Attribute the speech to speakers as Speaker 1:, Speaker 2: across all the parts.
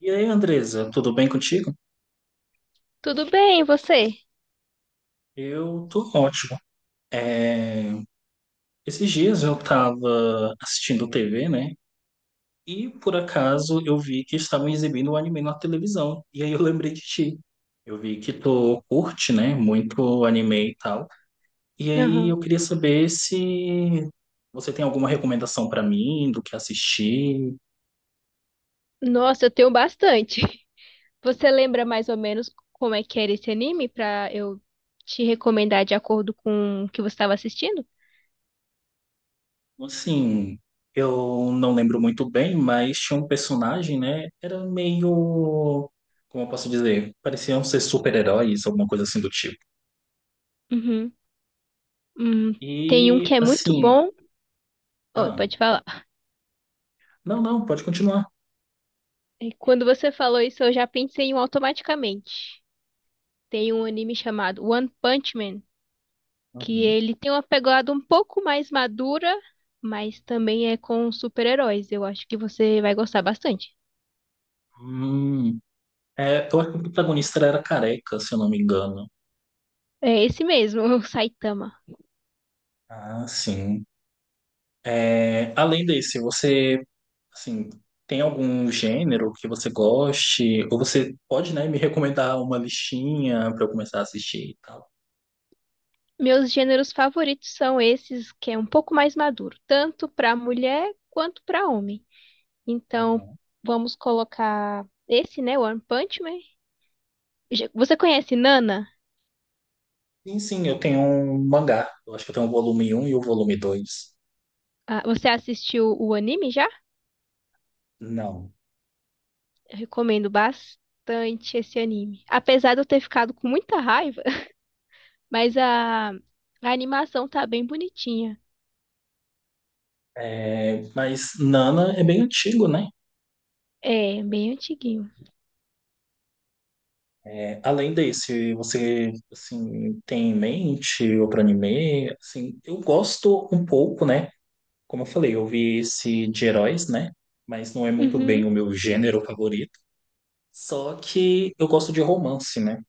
Speaker 1: E aí, Andresa, tudo bem contigo?
Speaker 2: Tudo bem, e você?
Speaker 1: Eu tô ótimo. É, Esses dias eu tava assistindo TV, né? E por acaso eu vi que estavam exibindo o anime na televisão. E aí eu lembrei de ti. Eu vi que tu curte, né? Muito anime e tal. E aí
Speaker 2: Aham.
Speaker 1: eu queria saber se você tem alguma recomendação pra mim do que assistir.
Speaker 2: Nossa, eu tenho bastante. Você lembra mais ou menos como é que era esse anime pra eu te recomendar de acordo com o que você estava assistindo?
Speaker 1: Assim, eu não lembro muito bem, mas tinha um personagem, né? Era meio, como eu posso dizer, pareciam ser super-heróis, alguma coisa assim do tipo.
Speaker 2: Uhum. Hum, tem um que
Speaker 1: E
Speaker 2: é muito
Speaker 1: assim,
Speaker 2: bom. Oi,
Speaker 1: ah,
Speaker 2: pode falar.
Speaker 1: não, não, pode continuar.
Speaker 2: Quando você falou isso, eu já pensei em um automaticamente. Tem um anime chamado One Punch Man, que
Speaker 1: Uhum.
Speaker 2: ele tem uma pegada um pouco mais madura, mas também é com super-heróis. Eu acho que você vai gostar bastante.
Speaker 1: Hum, é, eu acho que o protagonista era careca, se eu não me engano.
Speaker 2: É esse mesmo, o Saitama.
Speaker 1: Ah, sim. É, além desse, você, assim, tem algum gênero que você goste? Ou você pode, né, me recomendar uma listinha para eu começar a assistir e tal?
Speaker 2: Meus gêneros favoritos são esses que é um pouco mais maduro, tanto para mulher quanto para homem. Então, vamos colocar esse, né, One Punch Man. Você conhece Nana?
Speaker 1: Sim, sim, eu tenho um mangá. Eu acho que eu tenho o volume um e o volume dois.
Speaker 2: Ah, você assistiu o anime já?
Speaker 1: Não.
Speaker 2: Eu recomendo bastante esse anime. Apesar de eu ter ficado com muita raiva, mas a animação tá bem bonitinha.
Speaker 1: É, mas Nana é bem antigo, né?
Speaker 2: É, bem antiguinho.
Speaker 1: É, além desse, você assim, tem em mente outro anime? Assim, eu gosto um pouco, né? Como eu falei, eu vi esse de heróis, né? Mas não é muito bem
Speaker 2: Uhum,
Speaker 1: o meu gênero favorito. Só que eu gosto de romance, né?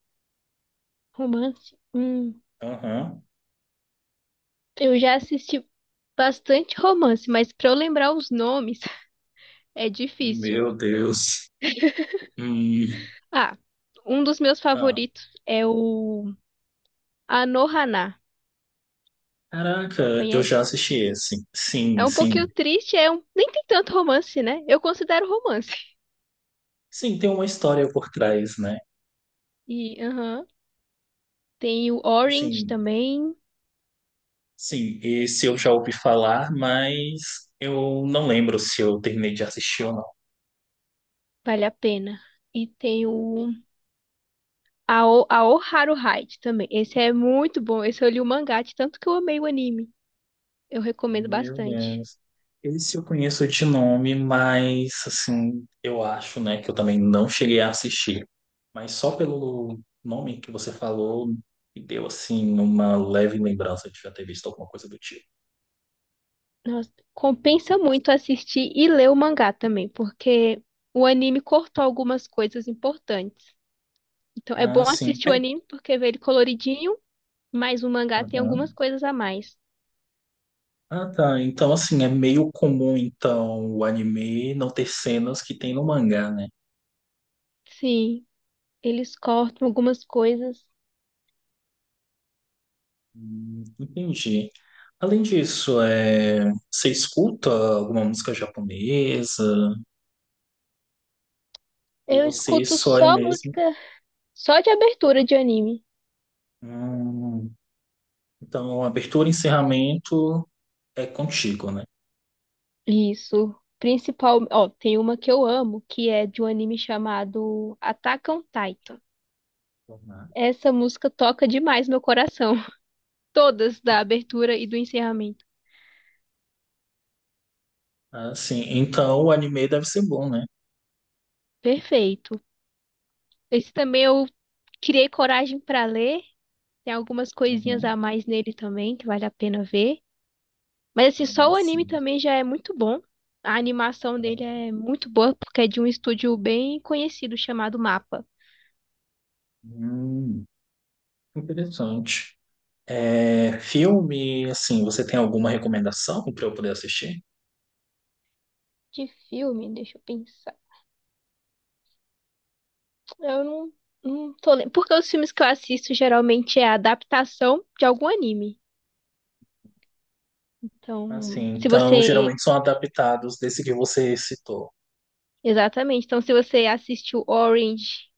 Speaker 2: romance.
Speaker 1: Aham.
Speaker 2: Eu já assisti bastante romance, mas para eu lembrar os nomes é difícil.
Speaker 1: Meu Deus. Hum.
Speaker 2: Ah, um dos meus
Speaker 1: Ah,
Speaker 2: favoritos é o Anohana.
Speaker 1: caraca, eu já
Speaker 2: Conhece?
Speaker 1: assisti esse.
Speaker 2: É
Speaker 1: Sim,
Speaker 2: um
Speaker 1: sim.
Speaker 2: pouquinho triste, é um nem tem tanto romance, né? Eu considero romance.
Speaker 1: Sim, tem uma história por trás, né?
Speaker 2: E aham, tem o Orange
Speaker 1: Assim,
Speaker 2: também,
Speaker 1: sim, esse eu já ouvi falar, mas eu não lembro se eu terminei de assistir ou não.
Speaker 2: vale a pena. E tem o Aoharu Hide também. Esse é muito bom. Esse eu li o mangá, de tanto que eu amei o anime. Eu recomendo
Speaker 1: Meu
Speaker 2: bastante.
Speaker 1: Deus. Esse eu conheço de nome, mas assim, eu acho, né, que eu também não cheguei a assistir. Mas só pelo nome que você falou, me deu assim uma leve lembrança de já ter visto alguma coisa do tipo.
Speaker 2: Nossa, compensa muito assistir e ler o mangá também, porque o anime cortou algumas coisas importantes. Então é
Speaker 1: Ah,
Speaker 2: bom
Speaker 1: sim.
Speaker 2: assistir o
Speaker 1: É.
Speaker 2: anime porque vê ele coloridinho, mas o mangá tem algumas
Speaker 1: Aham.
Speaker 2: coisas a mais.
Speaker 1: Ah, tá. Então, assim, é meio comum, então, o anime não ter cenas que tem no mangá, né?
Speaker 2: Sim, eles cortam algumas coisas.
Speaker 1: Entendi. Além disso, você escuta alguma música japonesa? Ou
Speaker 2: Eu
Speaker 1: você
Speaker 2: escuto
Speaker 1: só é
Speaker 2: só
Speaker 1: mesmo?
Speaker 2: música, só de abertura de anime.
Speaker 1: Hum, Então, abertura e encerramento é contigo, né?
Speaker 2: Isso. Principal, ó, tem uma que eu amo, que é de um anime chamado Attack on Titan.
Speaker 1: Uhum.
Speaker 2: Essa música toca demais meu coração. Todas da abertura e do encerramento.
Speaker 1: Ah, sim. Então, o anime deve ser bom, né?
Speaker 2: Perfeito. Esse também eu criei coragem pra ler. Tem algumas coisinhas a
Speaker 1: Uhum.
Speaker 2: mais nele também que vale a pena ver. Mas assim, só
Speaker 1: Ah,
Speaker 2: o anime
Speaker 1: sim.
Speaker 2: também já é muito bom. A animação dele é muito boa porque é de um estúdio bem conhecido chamado MAPA.
Speaker 1: Hum, interessante. É, filme, assim, você tem alguma recomendação para eu poder assistir?
Speaker 2: De filme, deixa eu pensar. Eu não, tô lembrando. Porque os filmes que eu assisto geralmente é a adaptação de algum anime.
Speaker 1: Assim,
Speaker 2: Então, se
Speaker 1: então,
Speaker 2: você.
Speaker 1: geralmente são adaptados desse que você citou.
Speaker 2: Exatamente. Então, se você assistiu Orange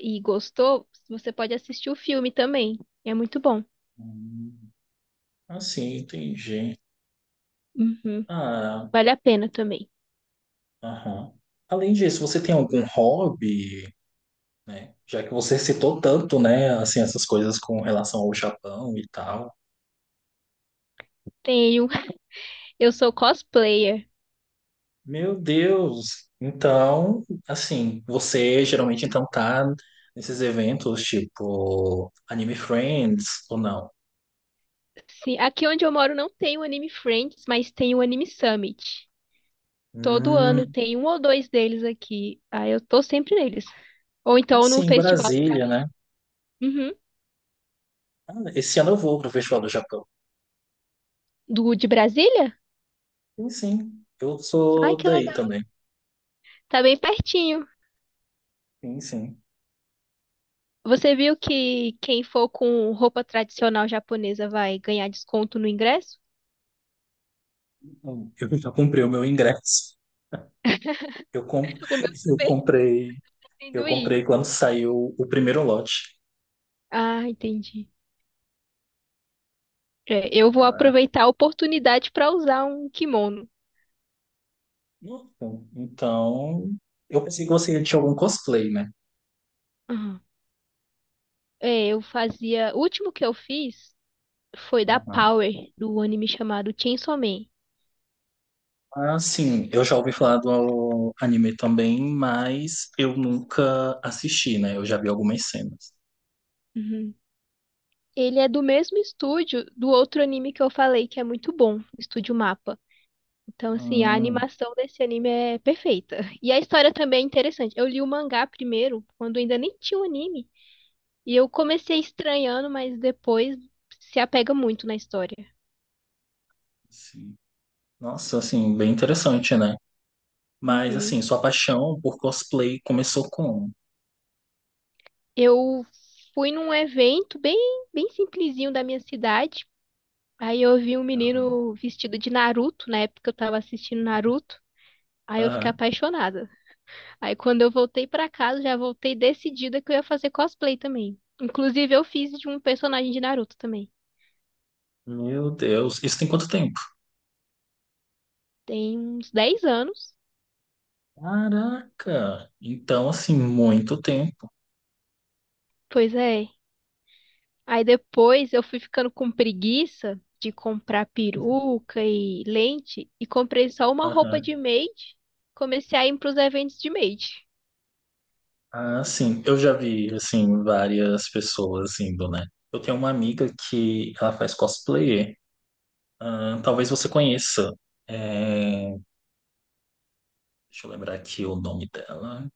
Speaker 2: e gostou, você pode assistir o filme também. É muito bom.
Speaker 1: Hum, assim, entendi.
Speaker 2: Uhum.
Speaker 1: Ah,
Speaker 2: Vale a pena também.
Speaker 1: aham. Além disso, você tem algum hobby, né? Já que você citou tanto, né, assim, essas coisas com relação ao Japão e tal.
Speaker 2: Tenho. Eu sou cosplayer.
Speaker 1: Meu Deus! Então, assim, você geralmente então tá nesses eventos tipo Anime Friends ou não?
Speaker 2: Sim, aqui onde eu moro não tem o Anime Friends, mas tem o Anime Summit. Todo ano
Speaker 1: Hum.
Speaker 2: tem um ou dois deles aqui. Aí eu tô sempre neles. Ou então no
Speaker 1: Assim,
Speaker 2: festival do,
Speaker 1: Brasília, né?
Speaker 2: Uhum.
Speaker 1: Ah, esse ano eu vou para o Festival do Japão.
Speaker 2: do de Brasília?
Speaker 1: Sim, sim. Eu
Speaker 2: Ai,
Speaker 1: sou
Speaker 2: que
Speaker 1: daí
Speaker 2: legal.
Speaker 1: também.
Speaker 2: Tá bem pertinho.
Speaker 1: Sim, sim.
Speaker 2: Você viu que quem for com roupa tradicional japonesa vai ganhar desconto no ingresso?
Speaker 1: Eu já comprei o meu ingresso. Eu, com...
Speaker 2: O meu
Speaker 1: eu
Speaker 2: também,
Speaker 1: comprei, eu
Speaker 2: tendo ir.
Speaker 1: comprei quando saiu o primeiro lote.
Speaker 2: Ah, entendi. É, eu vou
Speaker 1: Ah,
Speaker 2: aproveitar a oportunidade para usar um kimono.
Speaker 1: Então, então, eu pensei que você tinha algum cosplay, né?
Speaker 2: Uhum. É, eu fazia. O último que eu fiz foi da
Speaker 1: Aham.
Speaker 2: Power, do anime chamado Chainsaw Man.
Speaker 1: Ah, sim, eu já ouvi falar do anime também, mas eu nunca assisti, né? Eu já vi algumas cenas.
Speaker 2: Uhum. Ele é do mesmo estúdio do outro anime que eu falei, que é muito bom, Estúdio Mapa. Então, assim, a
Speaker 1: Hum,
Speaker 2: animação desse anime é perfeita. E a história também é interessante. Eu li o mangá primeiro, quando ainda nem tinha o anime. E eu comecei estranhando, mas depois se apega muito na história.
Speaker 1: sim. Nossa, assim, bem interessante, né? Mas
Speaker 2: Uhum.
Speaker 1: assim, sua paixão por cosplay começou como?
Speaker 2: Eu fui num evento bem simplesinho da minha cidade. Aí eu vi um
Speaker 1: Aham,
Speaker 2: menino vestido de Naruto, na época eu tava assistindo Naruto. Aí eu fiquei
Speaker 1: aham.
Speaker 2: apaixonada. Aí quando eu voltei pra casa, já voltei decidida que eu ia fazer cosplay também. Inclusive, eu fiz de um personagem de Naruto também.
Speaker 1: Meu Deus, isso tem quanto tempo?
Speaker 2: Tem uns 10 anos.
Speaker 1: Caraca! Então, assim, muito tempo.
Speaker 2: Pois é. Aí depois eu fui ficando com preguiça de comprar peruca e lente e comprei só uma roupa
Speaker 1: Aham.
Speaker 2: de maid. Comecei a ir pros eventos de maid.
Speaker 1: Ah, sim, eu já vi, assim, várias pessoas indo, né? Eu tenho uma amiga que ela faz cosplay. Ah, talvez você conheça. É, deixa eu lembrar aqui o nome dela.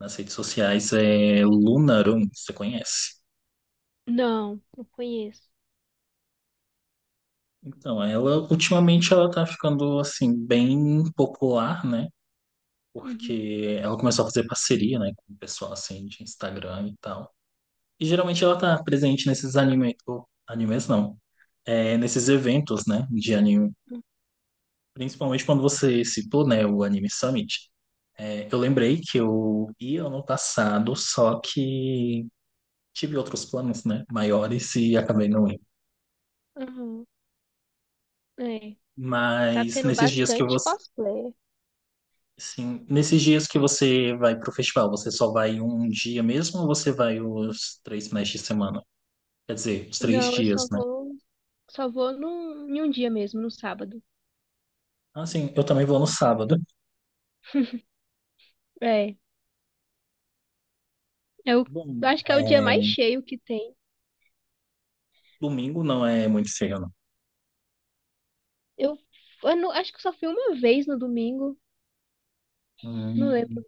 Speaker 1: Nas redes sociais é Lunarum, você conhece?
Speaker 2: Não, não conheço.
Speaker 1: Então, ela ultimamente ela tá ficando assim bem popular, né?
Speaker 2: Uhum.
Speaker 1: Porque ela começou a fazer parceria, né, com o pessoal assim de Instagram e tal. E geralmente ela tá presente nesses anime, ou animes não, é, nesses eventos, né, de anime. Principalmente quando você citou, né, o Anime Summit. É, eu lembrei que eu ia ano passado, só que tive outros planos, né, maiores e acabei não indo.
Speaker 2: Uhum. É. Tá
Speaker 1: Mas
Speaker 2: tendo
Speaker 1: nesses dias que eu vou.
Speaker 2: bastante cosplay.
Speaker 1: Sim. Nesses dias que você vai pro festival, você só vai um dia mesmo ou você vai os três finais de semana? Quer dizer, os três
Speaker 2: Não, eu só
Speaker 1: dias, né?
Speaker 2: vou. Em um dia mesmo, no sábado.
Speaker 1: Ah, sim, eu também vou no sábado.
Speaker 2: É, eu
Speaker 1: Bom,
Speaker 2: acho que é o dia
Speaker 1: é,
Speaker 2: mais cheio que tem.
Speaker 1: domingo não é muito feio, não.
Speaker 2: Eu, eu não- Acho que só fui uma vez no domingo, não lembro.
Speaker 1: Hum,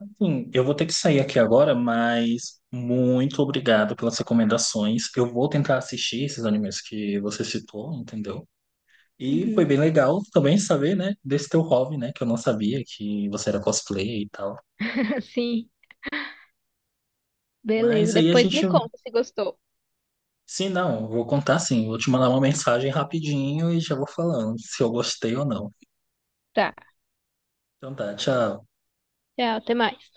Speaker 1: assim, eu vou ter que sair aqui agora, mas muito obrigado pelas recomendações. Eu vou tentar assistir esses animes que você citou, entendeu? E foi
Speaker 2: Uhum.
Speaker 1: bem legal também saber, né, desse teu hobby, né, que eu não sabia que você era cosplay e tal.
Speaker 2: Sim, beleza.
Speaker 1: Mas aí a
Speaker 2: Depois me
Speaker 1: gente.
Speaker 2: conta se gostou.
Speaker 1: Sim, não, vou contar sim. Vou te mandar uma mensagem rapidinho e já vou falando se eu gostei ou não.
Speaker 2: Tá,
Speaker 1: Então tá, tchau.
Speaker 2: tchau, até mais.